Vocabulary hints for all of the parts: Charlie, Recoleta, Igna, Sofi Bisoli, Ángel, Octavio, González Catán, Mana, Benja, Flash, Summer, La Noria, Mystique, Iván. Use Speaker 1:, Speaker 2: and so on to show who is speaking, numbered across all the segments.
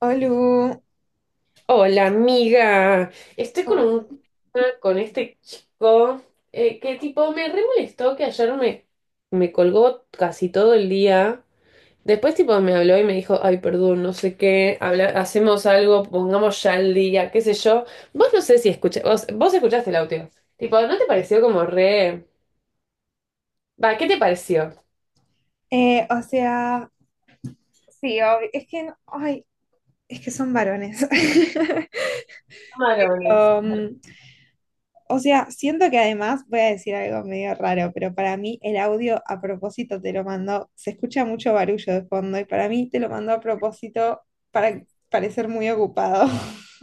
Speaker 1: Olu,
Speaker 2: Hola, amiga. Estoy con
Speaker 1: obvio.
Speaker 2: un tema con este chico que tipo me re molestó que ayer me colgó casi todo el día. Después tipo me habló y me dijo, ay, perdón, no sé qué, hacemos algo, pongamos ya el día, qué sé yo. Vos no sé si escuché, vos escuchaste el audio. Tipo, ¿no te pareció como re... Va, ¿qué te pareció?
Speaker 1: eh, o sea, sí, es que, ay, es que son varones.
Speaker 2: Camarones.
Speaker 1: Um, o sea, siento que además voy a decir algo medio raro, pero para mí el audio a propósito te lo mandó, se escucha mucho barullo de fondo y para mí te lo mandó a propósito para parecer muy ocupado.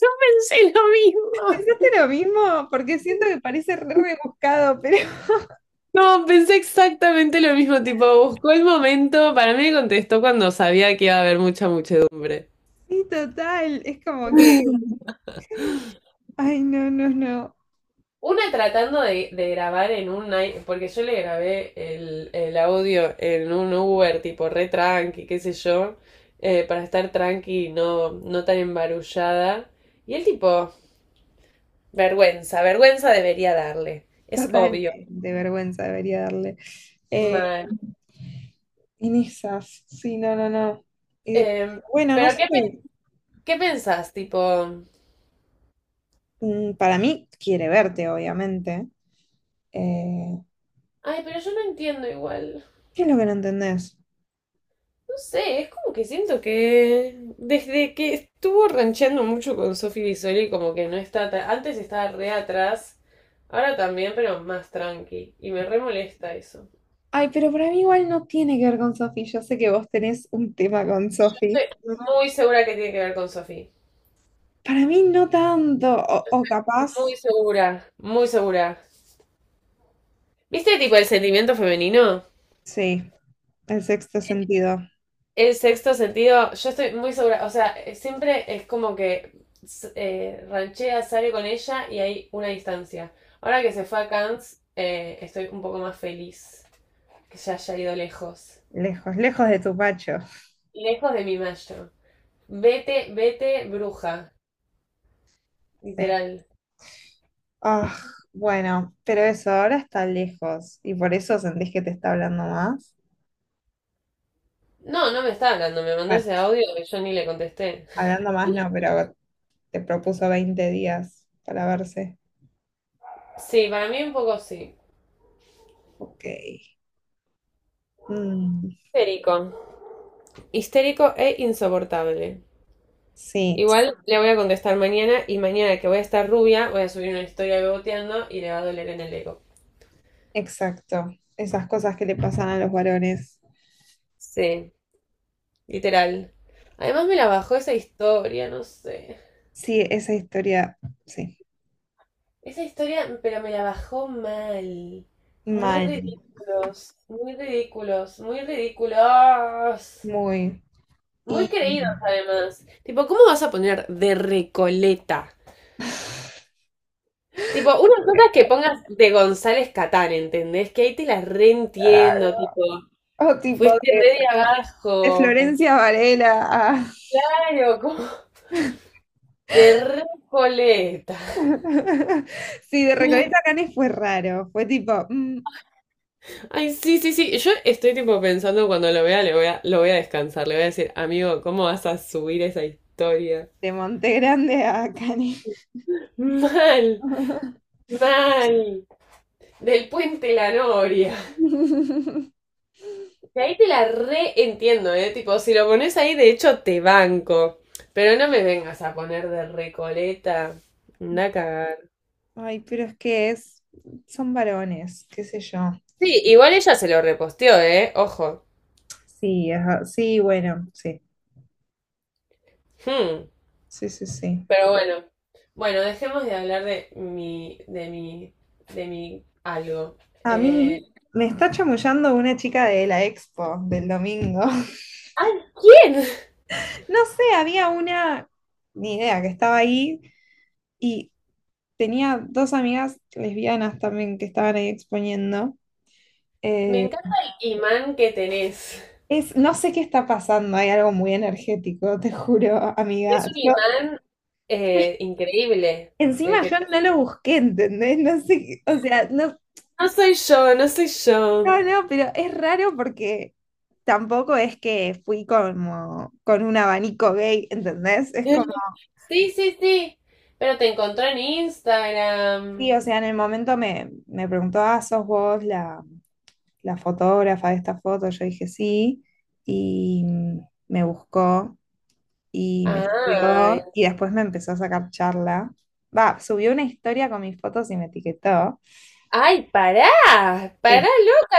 Speaker 2: Yo pensé lo mismo.
Speaker 1: ¿Pensaste lo mismo? Porque siento que parece re rebuscado, pero
Speaker 2: No, pensé exactamente lo mismo, tipo, buscó el momento, para mí me contestó cuando sabía que iba a haber mucha muchedumbre.
Speaker 1: sí, total, es como que, ay, no, no, no,
Speaker 2: Una tratando de grabar en un... porque yo le grabé el audio en un Uber, tipo, re tranqui, qué sé yo, para estar tranqui y no tan embarullada. Y el tipo, vergüenza debería darle, es
Speaker 1: total,
Speaker 2: obvio.
Speaker 1: de vergüenza debería darle. Eh,
Speaker 2: Mal.
Speaker 1: En esas, sí, no, no, no. Eh,
Speaker 2: Em,
Speaker 1: bueno, no
Speaker 2: pero
Speaker 1: sé.
Speaker 2: ¿qué pensás, tipo?
Speaker 1: Mm, para mí quiere verte, obviamente. Eh,
Speaker 2: Ay, pero yo no entiendo igual.
Speaker 1: ¿qué es lo que no entendés?
Speaker 2: No sé, es como que siento que desde que estuvo rancheando mucho con Sofi Bisoli, como que no está tan... Antes estaba re atrás, ahora también, pero más tranqui. Y me re molesta eso.
Speaker 1: Ay, pero para mí igual no tiene que ver con Sofi. Yo sé que vos tenés un tema con Sofi.
Speaker 2: Estoy muy segura que tiene que ver con Sofi.
Speaker 1: Para mí no tanto. O capaz,
Speaker 2: Muy segura, muy segura. ¿Viste tipo el sentimiento femenino?
Speaker 1: sí, el sexto sentido.
Speaker 2: El sexto sentido, yo estoy muy segura, o sea, siempre es como que ranchea, sale con ella y hay una distancia. Ahora que se fue a Cannes, estoy un poco más feliz que ya haya ido lejos.
Speaker 1: Lejos, lejos de tu pacho.
Speaker 2: Lejos de mi macho. Vete, vete, bruja,
Speaker 1: Sí.
Speaker 2: literal.
Speaker 1: Ah, bueno, pero eso ahora está lejos. ¿Y por eso sentís que te está hablando más?
Speaker 2: No, no me está hablando, me mandó
Speaker 1: Bueno,
Speaker 2: ese audio que yo ni le contesté.
Speaker 1: hablando más no, pero te propuso 20 días para verse.
Speaker 2: Sí, para mí un poco sí.
Speaker 1: Ok. Mm,
Speaker 2: Histérico. Histérico e insoportable.
Speaker 1: sí,
Speaker 2: Igual le voy a contestar mañana y mañana que voy a estar rubia, voy a subir una historia beboteando y le va a doler en el ego.
Speaker 1: exacto. Esas cosas que le pasan a los varones.
Speaker 2: Sí, literal. Además me la bajó esa historia, no sé.
Speaker 1: Sí, esa historia, sí.
Speaker 2: Esa historia, pero me la bajó mal. Muy
Speaker 1: Mal,
Speaker 2: ridículos, muy ridículos, muy ridículos.
Speaker 1: muy.
Speaker 2: Muy
Speaker 1: Y
Speaker 2: creídos además. Tipo, ¿cómo vas a poner de Recoleta? Tipo, una cosa es que pongas de González Catán, ¿entendés? Que ahí te la reentiendo, tipo.
Speaker 1: o tipo
Speaker 2: Fuiste re de
Speaker 1: de
Speaker 2: abajo.
Speaker 1: Florencia Varela a-
Speaker 2: Claro, como de Recoleta.
Speaker 1: sí, de Recoleta a Canes fue raro. Fue tipo mm,
Speaker 2: Ay, sí, sí, sí. Yo estoy tipo pensando cuando lo vea, lo voy a descansar. Le voy a decir, amigo, ¿cómo vas a subir esa historia?
Speaker 1: de Monte Grande a Canes.
Speaker 2: Mal, mal. Del puente La Noria. Y ahí te la re entiendo, ¿eh? Tipo, si lo pones ahí, de hecho te banco. Pero no me vengas a poner de Recoleta. Anda a cagar.
Speaker 1: Ay, pero son varones, qué sé yo.
Speaker 2: Sí, igual ella se lo reposteó, ¿eh? Ojo.
Speaker 1: Sí, ajá, sí, bueno, sí,
Speaker 2: Hmm.
Speaker 1: sí, sí, sí.
Speaker 2: Pero bueno. Bueno, dejemos de hablar de de mi algo.
Speaker 1: A
Speaker 2: Eh,
Speaker 1: mí me está chamullando una chica de la expo del domingo.
Speaker 2: ¡Ay, quién!
Speaker 1: No sé, había una, ni idea, que estaba ahí y tenía dos amigas lesbianas también que estaban ahí exponiendo.
Speaker 2: Me
Speaker 1: Eh,
Speaker 2: encanta el imán que tenés.
Speaker 1: es, no sé qué está pasando, hay algo muy energético, te juro,
Speaker 2: Es
Speaker 1: amiga.
Speaker 2: un
Speaker 1: Yo
Speaker 2: imán increíble
Speaker 1: encima
Speaker 2: el que
Speaker 1: yo no
Speaker 2: tenés.
Speaker 1: lo busqué, ¿entendés? No sé, o sea, no,
Speaker 2: No soy yo, no soy yo.
Speaker 1: no, no, pero es raro porque tampoco es que fui como con un abanico gay, ¿entendés? Es como,
Speaker 2: Sí, sí, sí. Pero te encontró en
Speaker 1: sí, o
Speaker 2: Instagram.
Speaker 1: sea, en el momento me preguntó, ah, ¿sos vos la fotógrafa de esta foto? Yo dije sí, y me buscó y me
Speaker 2: Ay.
Speaker 1: siguió, y después me empezó a sacar charla. Va, subió una historia con mis fotos y me etiquetó.
Speaker 2: Ay, pará. Pará,
Speaker 1: Sí.
Speaker 2: loca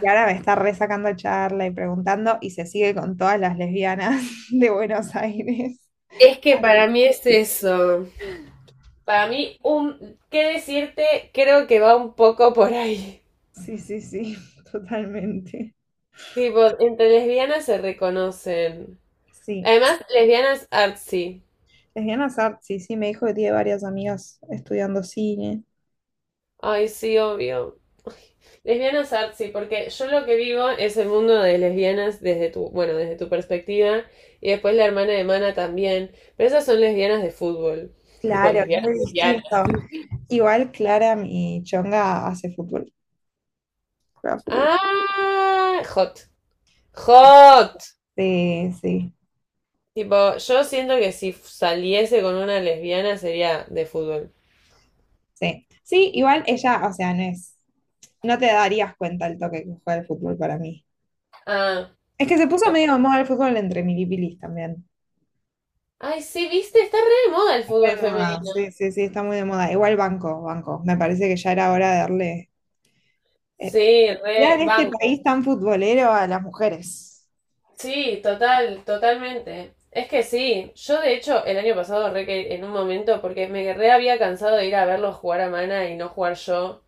Speaker 1: Y ahora me está resacando charla y preguntando, y se sigue con todas las lesbianas de Buenos Aires.
Speaker 2: Es que para mí es eso. Para mí, un, ¿qué decirte? Creo que va un poco por ahí.
Speaker 1: Sí, sí, sí, totalmente.
Speaker 2: Tipo, entre lesbianas se reconocen.
Speaker 1: Sí.
Speaker 2: Además, lesbianas artsy.
Speaker 1: Lesbiana Sart, sí, sí, me dijo que tiene varias amigas estudiando cine.
Speaker 2: Ay, sí, obvio. Lesbianas artsy, porque yo lo que vivo es el mundo de lesbianas desde desde tu perspectiva, y después la hermana de Mana también, pero esas son lesbianas de fútbol. Tipo,
Speaker 1: Claro, es
Speaker 2: lesbianas,
Speaker 1: muy
Speaker 2: lesbianas.
Speaker 1: distinto. Igual Clara, mi chonga, hace fútbol. Juega fútbol.
Speaker 2: Ah, hot. Hot.
Speaker 1: Sí, sí,
Speaker 2: Tipo, yo siento que si saliese con una lesbiana sería de fútbol.
Speaker 1: sí. Sí, igual ella, o sea, no es. No te darías cuenta el toque que juega el fútbol para mí.
Speaker 2: Ah,
Speaker 1: Es que se puso
Speaker 2: ok.
Speaker 1: medio de moda el fútbol entre milipilis también.
Speaker 2: Ay, sí, viste, está re de moda el fútbol
Speaker 1: De moda,
Speaker 2: femenino.
Speaker 1: sí, sí, sí, está muy de moda. Igual banco, banco. Me parece que ya era hora de darle Eh,
Speaker 2: Sí,
Speaker 1: ya
Speaker 2: re
Speaker 1: en este
Speaker 2: banco.
Speaker 1: país tan futbolero a las mujeres.
Speaker 2: Sí, total, totalmente. Es que sí, yo de hecho el año pasado re que en un momento, porque me re había cansado de ir a verlos jugar a Mana y no jugar yo,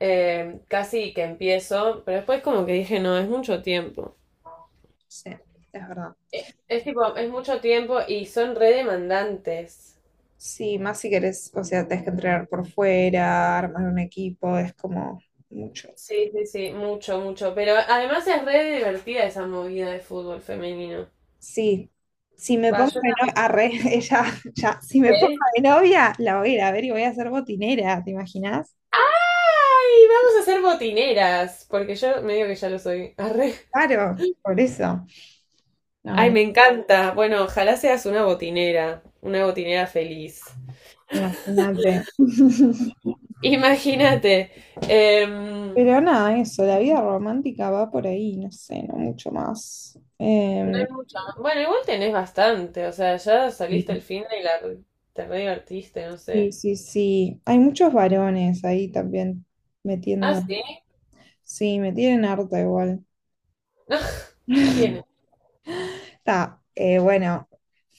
Speaker 2: casi que empiezo, pero después como que dije, no, es mucho tiempo.
Speaker 1: Sí, es verdad.
Speaker 2: Tipo, es mucho tiempo y son re demandantes.
Speaker 1: Sí, más si querés, o sea, tenés que entrenar por fuera, armar un equipo, es como mucho.
Speaker 2: Sí, sí, sí, mucho, mucho. Pero además es re divertida esa movida de fútbol femenino.
Speaker 1: Sí, si me
Speaker 2: Va,
Speaker 1: pongo
Speaker 2: yo
Speaker 1: de novia,
Speaker 2: también.
Speaker 1: arre, ella, ya, si me pongo
Speaker 2: ¿Qué?
Speaker 1: de novia, la voy a ir a ver y voy a ser botinera, ¿te imaginas?
Speaker 2: Ay, vamos a ser botineras, porque yo medio que ya lo soy. Arre.
Speaker 1: Claro, por eso.
Speaker 2: Ay, me
Speaker 1: No,
Speaker 2: encanta. Bueno, ojalá seas una botinera feliz.
Speaker 1: imagínate.
Speaker 2: Imagínate. Em,
Speaker 1: Pero nada, eso, la vida romántica va por ahí, no sé, no mucho más.
Speaker 2: no
Speaker 1: Em,
Speaker 2: hay mucho. Más. Bueno, igual tenés bastante, o sea, ya saliste el
Speaker 1: sí.
Speaker 2: fin de y la te re divertiste, no
Speaker 1: Sí,
Speaker 2: sé.
Speaker 1: sí, sí. Hay muchos varones ahí también
Speaker 2: Ah,
Speaker 1: metiendo.
Speaker 2: sí.
Speaker 1: Sí, me tienen harta igual.
Speaker 2: ¿Quién?
Speaker 1: Está, bueno,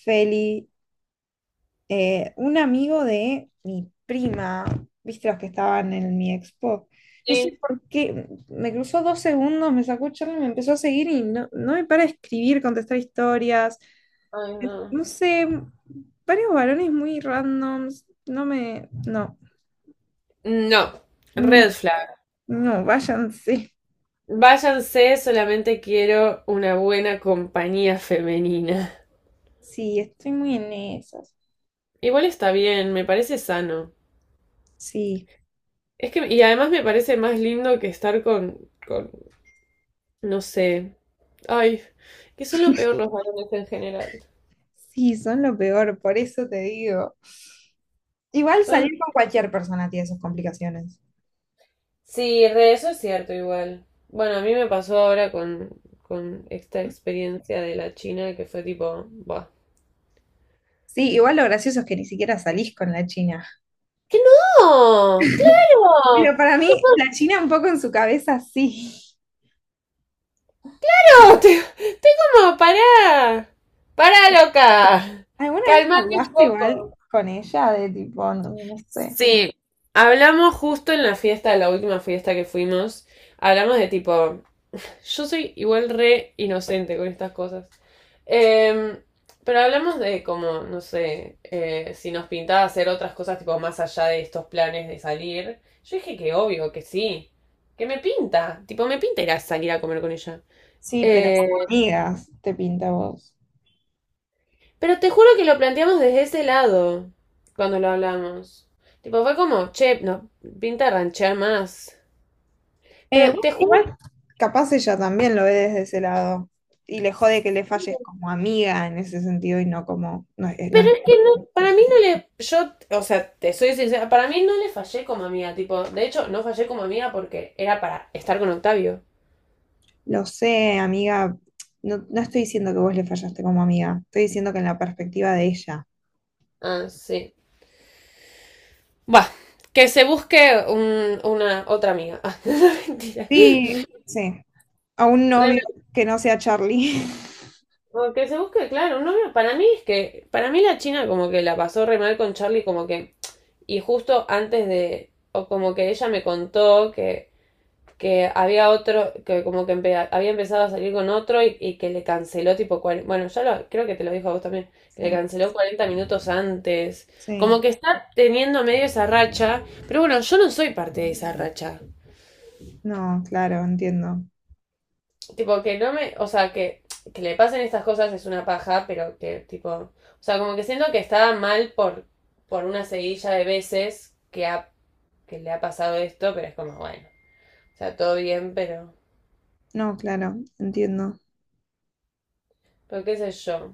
Speaker 1: Feli, un amigo de mi prima, viste los que estaban en mi expo. No sé
Speaker 2: Sí.
Speaker 1: por qué, me cruzó dos segundos, me sacó charla y me empezó a seguir y no, no me para de escribir, contestar historias.
Speaker 2: Ay, no.
Speaker 1: No sé, varios varones muy randoms. No me. No.
Speaker 2: No,
Speaker 1: Mm,
Speaker 2: red flag.
Speaker 1: no, váyanse.
Speaker 2: Váyanse, solamente quiero una buena compañía femenina.
Speaker 1: Sí, estoy muy en eso.
Speaker 2: Igual está bien, me parece sano.
Speaker 1: Sí,
Speaker 2: Es que, y además me parece más lindo que estar con, no sé, ay, que son lo peor los varones en general.
Speaker 1: sí, son lo peor, por eso te digo. Igual
Speaker 2: Son,
Speaker 1: salir con cualquier persona tiene sus complicaciones.
Speaker 2: sí, re, eso es cierto igual. Bueno, a mí me pasó ahora con esta experiencia de la China que fue tipo, va.
Speaker 1: Sí, igual lo gracioso es que ni siquiera salís con la China.
Speaker 2: ¡Que no!
Speaker 1: Pero
Speaker 2: ¡Claro!
Speaker 1: para mí, la
Speaker 2: Tipo,
Speaker 1: China un poco en su cabeza sí.
Speaker 2: ¡Claro! Te como, pará. Pará, loca.
Speaker 1: ¿Alguna vez
Speaker 2: Calmate un
Speaker 1: hablaste igual
Speaker 2: poco.
Speaker 1: con ella de tipo, no, no sé?
Speaker 2: Sí, hablamos justo en la fiesta, la última fiesta que fuimos, hablamos de tipo, yo soy igual re inocente con estas cosas. Em, pero hablamos de como, no sé, si nos pintaba hacer otras cosas tipo más allá de estos planes de salir. Yo dije que obvio, que sí, que me pinta, tipo me pinta ir a salir a comer con ella.
Speaker 1: Sí, pero
Speaker 2: Eh,
Speaker 1: como amigas, te pinta a vos.
Speaker 2: pero te juro que lo planteamos desde ese lado, cuando lo hablamos. Tipo, fue como, che, nos pinta ranchear más.
Speaker 1: Eh,
Speaker 2: Pero
Speaker 1: bueno,
Speaker 2: te juro,
Speaker 1: igual, capaz ella también lo ve desde ese lado. Y le jode que le falles como amiga en ese sentido y no como, no, es no
Speaker 2: pero
Speaker 1: es
Speaker 2: es que no, para mí no le, yo, o sea, te soy sincera, para mí no le fallé como amiga, tipo, de hecho, no fallé como amiga porque era para estar con Octavio.
Speaker 1: lo sé, amiga, no, no estoy diciendo que vos le fallaste como amiga, estoy diciendo que en la perspectiva de ella.
Speaker 2: Ah, sí. Va, que se busque una otra amiga. Ah, mentira.
Speaker 1: Sí, sí, a un novio
Speaker 2: Re-
Speaker 1: que no sea Charlie.
Speaker 2: o que se busque, claro, un novio. Para mí es que, para mí la China como que la pasó re mal con Charlie, como que, y justo antes de, o como que ella me contó que había otro, que como que había empezado a salir con otro y que le canceló tipo, bueno, ya lo, creo que te lo dijo a vos también, que le
Speaker 1: Sí,
Speaker 2: canceló 40 minutos antes. Como
Speaker 1: sí,
Speaker 2: que está teniendo medio esa racha, pero bueno, yo no soy parte de esa racha.
Speaker 1: no, claro, entiendo.
Speaker 2: Tipo, que no me, o sea, que le pasen estas cosas es una paja, pero que tipo, o sea, como que siento que estaba mal por una seguilla de veces que, ha, que le ha pasado esto, pero es como, bueno, o sea, todo bien,
Speaker 1: No, claro, entiendo.
Speaker 2: pero qué sé yo.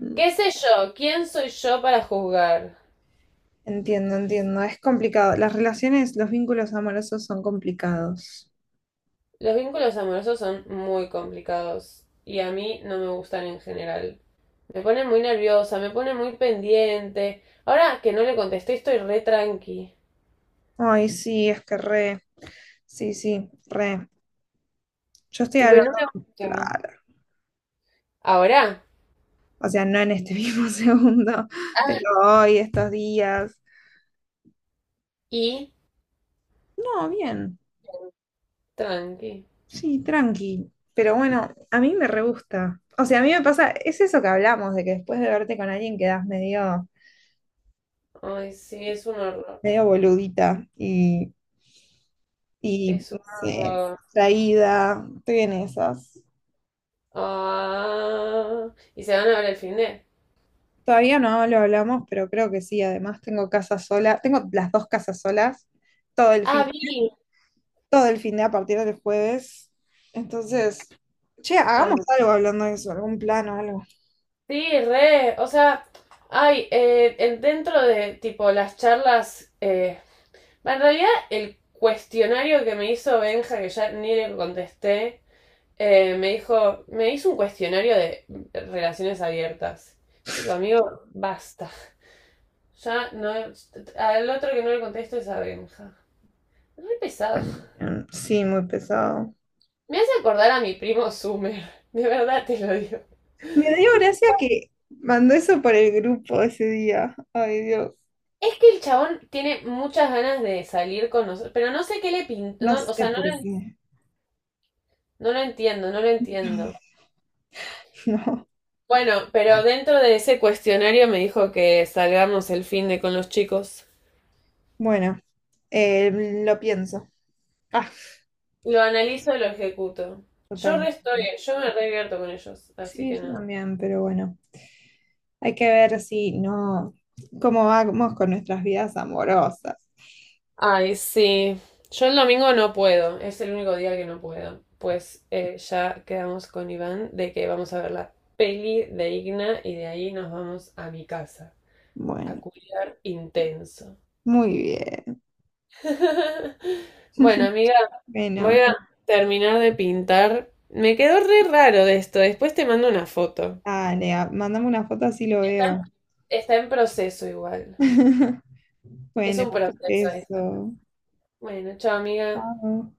Speaker 1: Mm,
Speaker 2: ¿Qué sé yo? ¿Quién soy yo para juzgar?
Speaker 1: entiendo, entiendo. Es complicado. Las relaciones, los vínculos amorosos son complicados.
Speaker 2: Los vínculos amorosos son muy complicados y a mí no me gustan en general. Me pone muy nerviosa, me pone muy pendiente. Ahora que no le contesté, estoy re tranqui.
Speaker 1: Ay, sí, es que re, sí, sí, re. Yo estoy
Speaker 2: Tipo, y
Speaker 1: hablando,
Speaker 2: no me gusta.
Speaker 1: claro,
Speaker 2: Ahora.
Speaker 1: o sea, no en este mismo segundo, pero
Speaker 2: Ah.
Speaker 1: hoy, estos días.
Speaker 2: Y
Speaker 1: No, bien,
Speaker 2: tranqui.
Speaker 1: sí, tranqui. Pero bueno, a mí me re gusta. O sea, a mí me pasa, es eso que hablamos, de que después de verte con alguien quedás medio,
Speaker 2: Ay, sí, es un horror.
Speaker 1: medio boludita y,
Speaker 2: Es un
Speaker 1: no sé,
Speaker 2: horror.
Speaker 1: traída. Estoy en esas.
Speaker 2: Ah. Y se van a ver el fin de.
Speaker 1: Todavía no lo hablamos, pero creo que sí. Además, tengo casa sola, tengo las dos casas solas todo el
Speaker 2: Ah,
Speaker 1: fin,
Speaker 2: vi.
Speaker 1: todo el fin de a partir del jueves. Entonces, che, hagamos
Speaker 2: Ah,
Speaker 1: algo hablando de eso, algún plan o algo.
Speaker 2: Sí, re, o sea, hay dentro de tipo las charlas, en realidad el cuestionario que me hizo Benja, que ya ni le contesté, me hizo un cuestionario de relaciones abiertas. Tipo, amigo, basta. Ya no, al otro que no le contesto es a Benja. Es re pesado.
Speaker 1: Bueno, bien. Sí, muy pesado.
Speaker 2: Me hace acordar a mi primo Summer. De verdad te lo digo.
Speaker 1: Me dio gracia que mandó eso por el grupo ese día. Ay, Dios.
Speaker 2: Es que el chabón tiene muchas ganas de salir con nosotros, pero no sé qué le pintó,
Speaker 1: No
Speaker 2: o
Speaker 1: sé
Speaker 2: sea,
Speaker 1: por qué.
Speaker 2: no lo entiendo, no lo entiendo.
Speaker 1: No.
Speaker 2: Bueno, pero dentro de ese cuestionario me dijo que salgamos el fin de con los chicos.
Speaker 1: Bueno, lo pienso. Ah,
Speaker 2: Lo analizo y lo ejecuto. Yo
Speaker 1: total.
Speaker 2: re estoy, yo me revierto con ellos, así
Speaker 1: Sí,
Speaker 2: que
Speaker 1: yo
Speaker 2: nada.
Speaker 1: también, pero bueno. Hay que ver si no, cómo vamos con nuestras vidas amorosas.
Speaker 2: Ay, sí. Yo el domingo no puedo, es el único día que no puedo. Pues ya quedamos con Iván de que vamos a ver la peli de Igna y de ahí nos vamos a mi casa. A
Speaker 1: Bueno,
Speaker 2: culiar intenso.
Speaker 1: muy bien.
Speaker 2: Bueno, amiga, voy
Speaker 1: Bueno,
Speaker 2: a terminar de pintar. Me quedó re raro de esto. Después te mando una foto.
Speaker 1: dale, mandame una foto así lo
Speaker 2: Está en,
Speaker 1: veo.
Speaker 2: está en proceso igual. Es
Speaker 1: Bueno,
Speaker 2: un proceso esto.
Speaker 1: beso.
Speaker 2: Bueno, chao, amiga.
Speaker 1: Chao.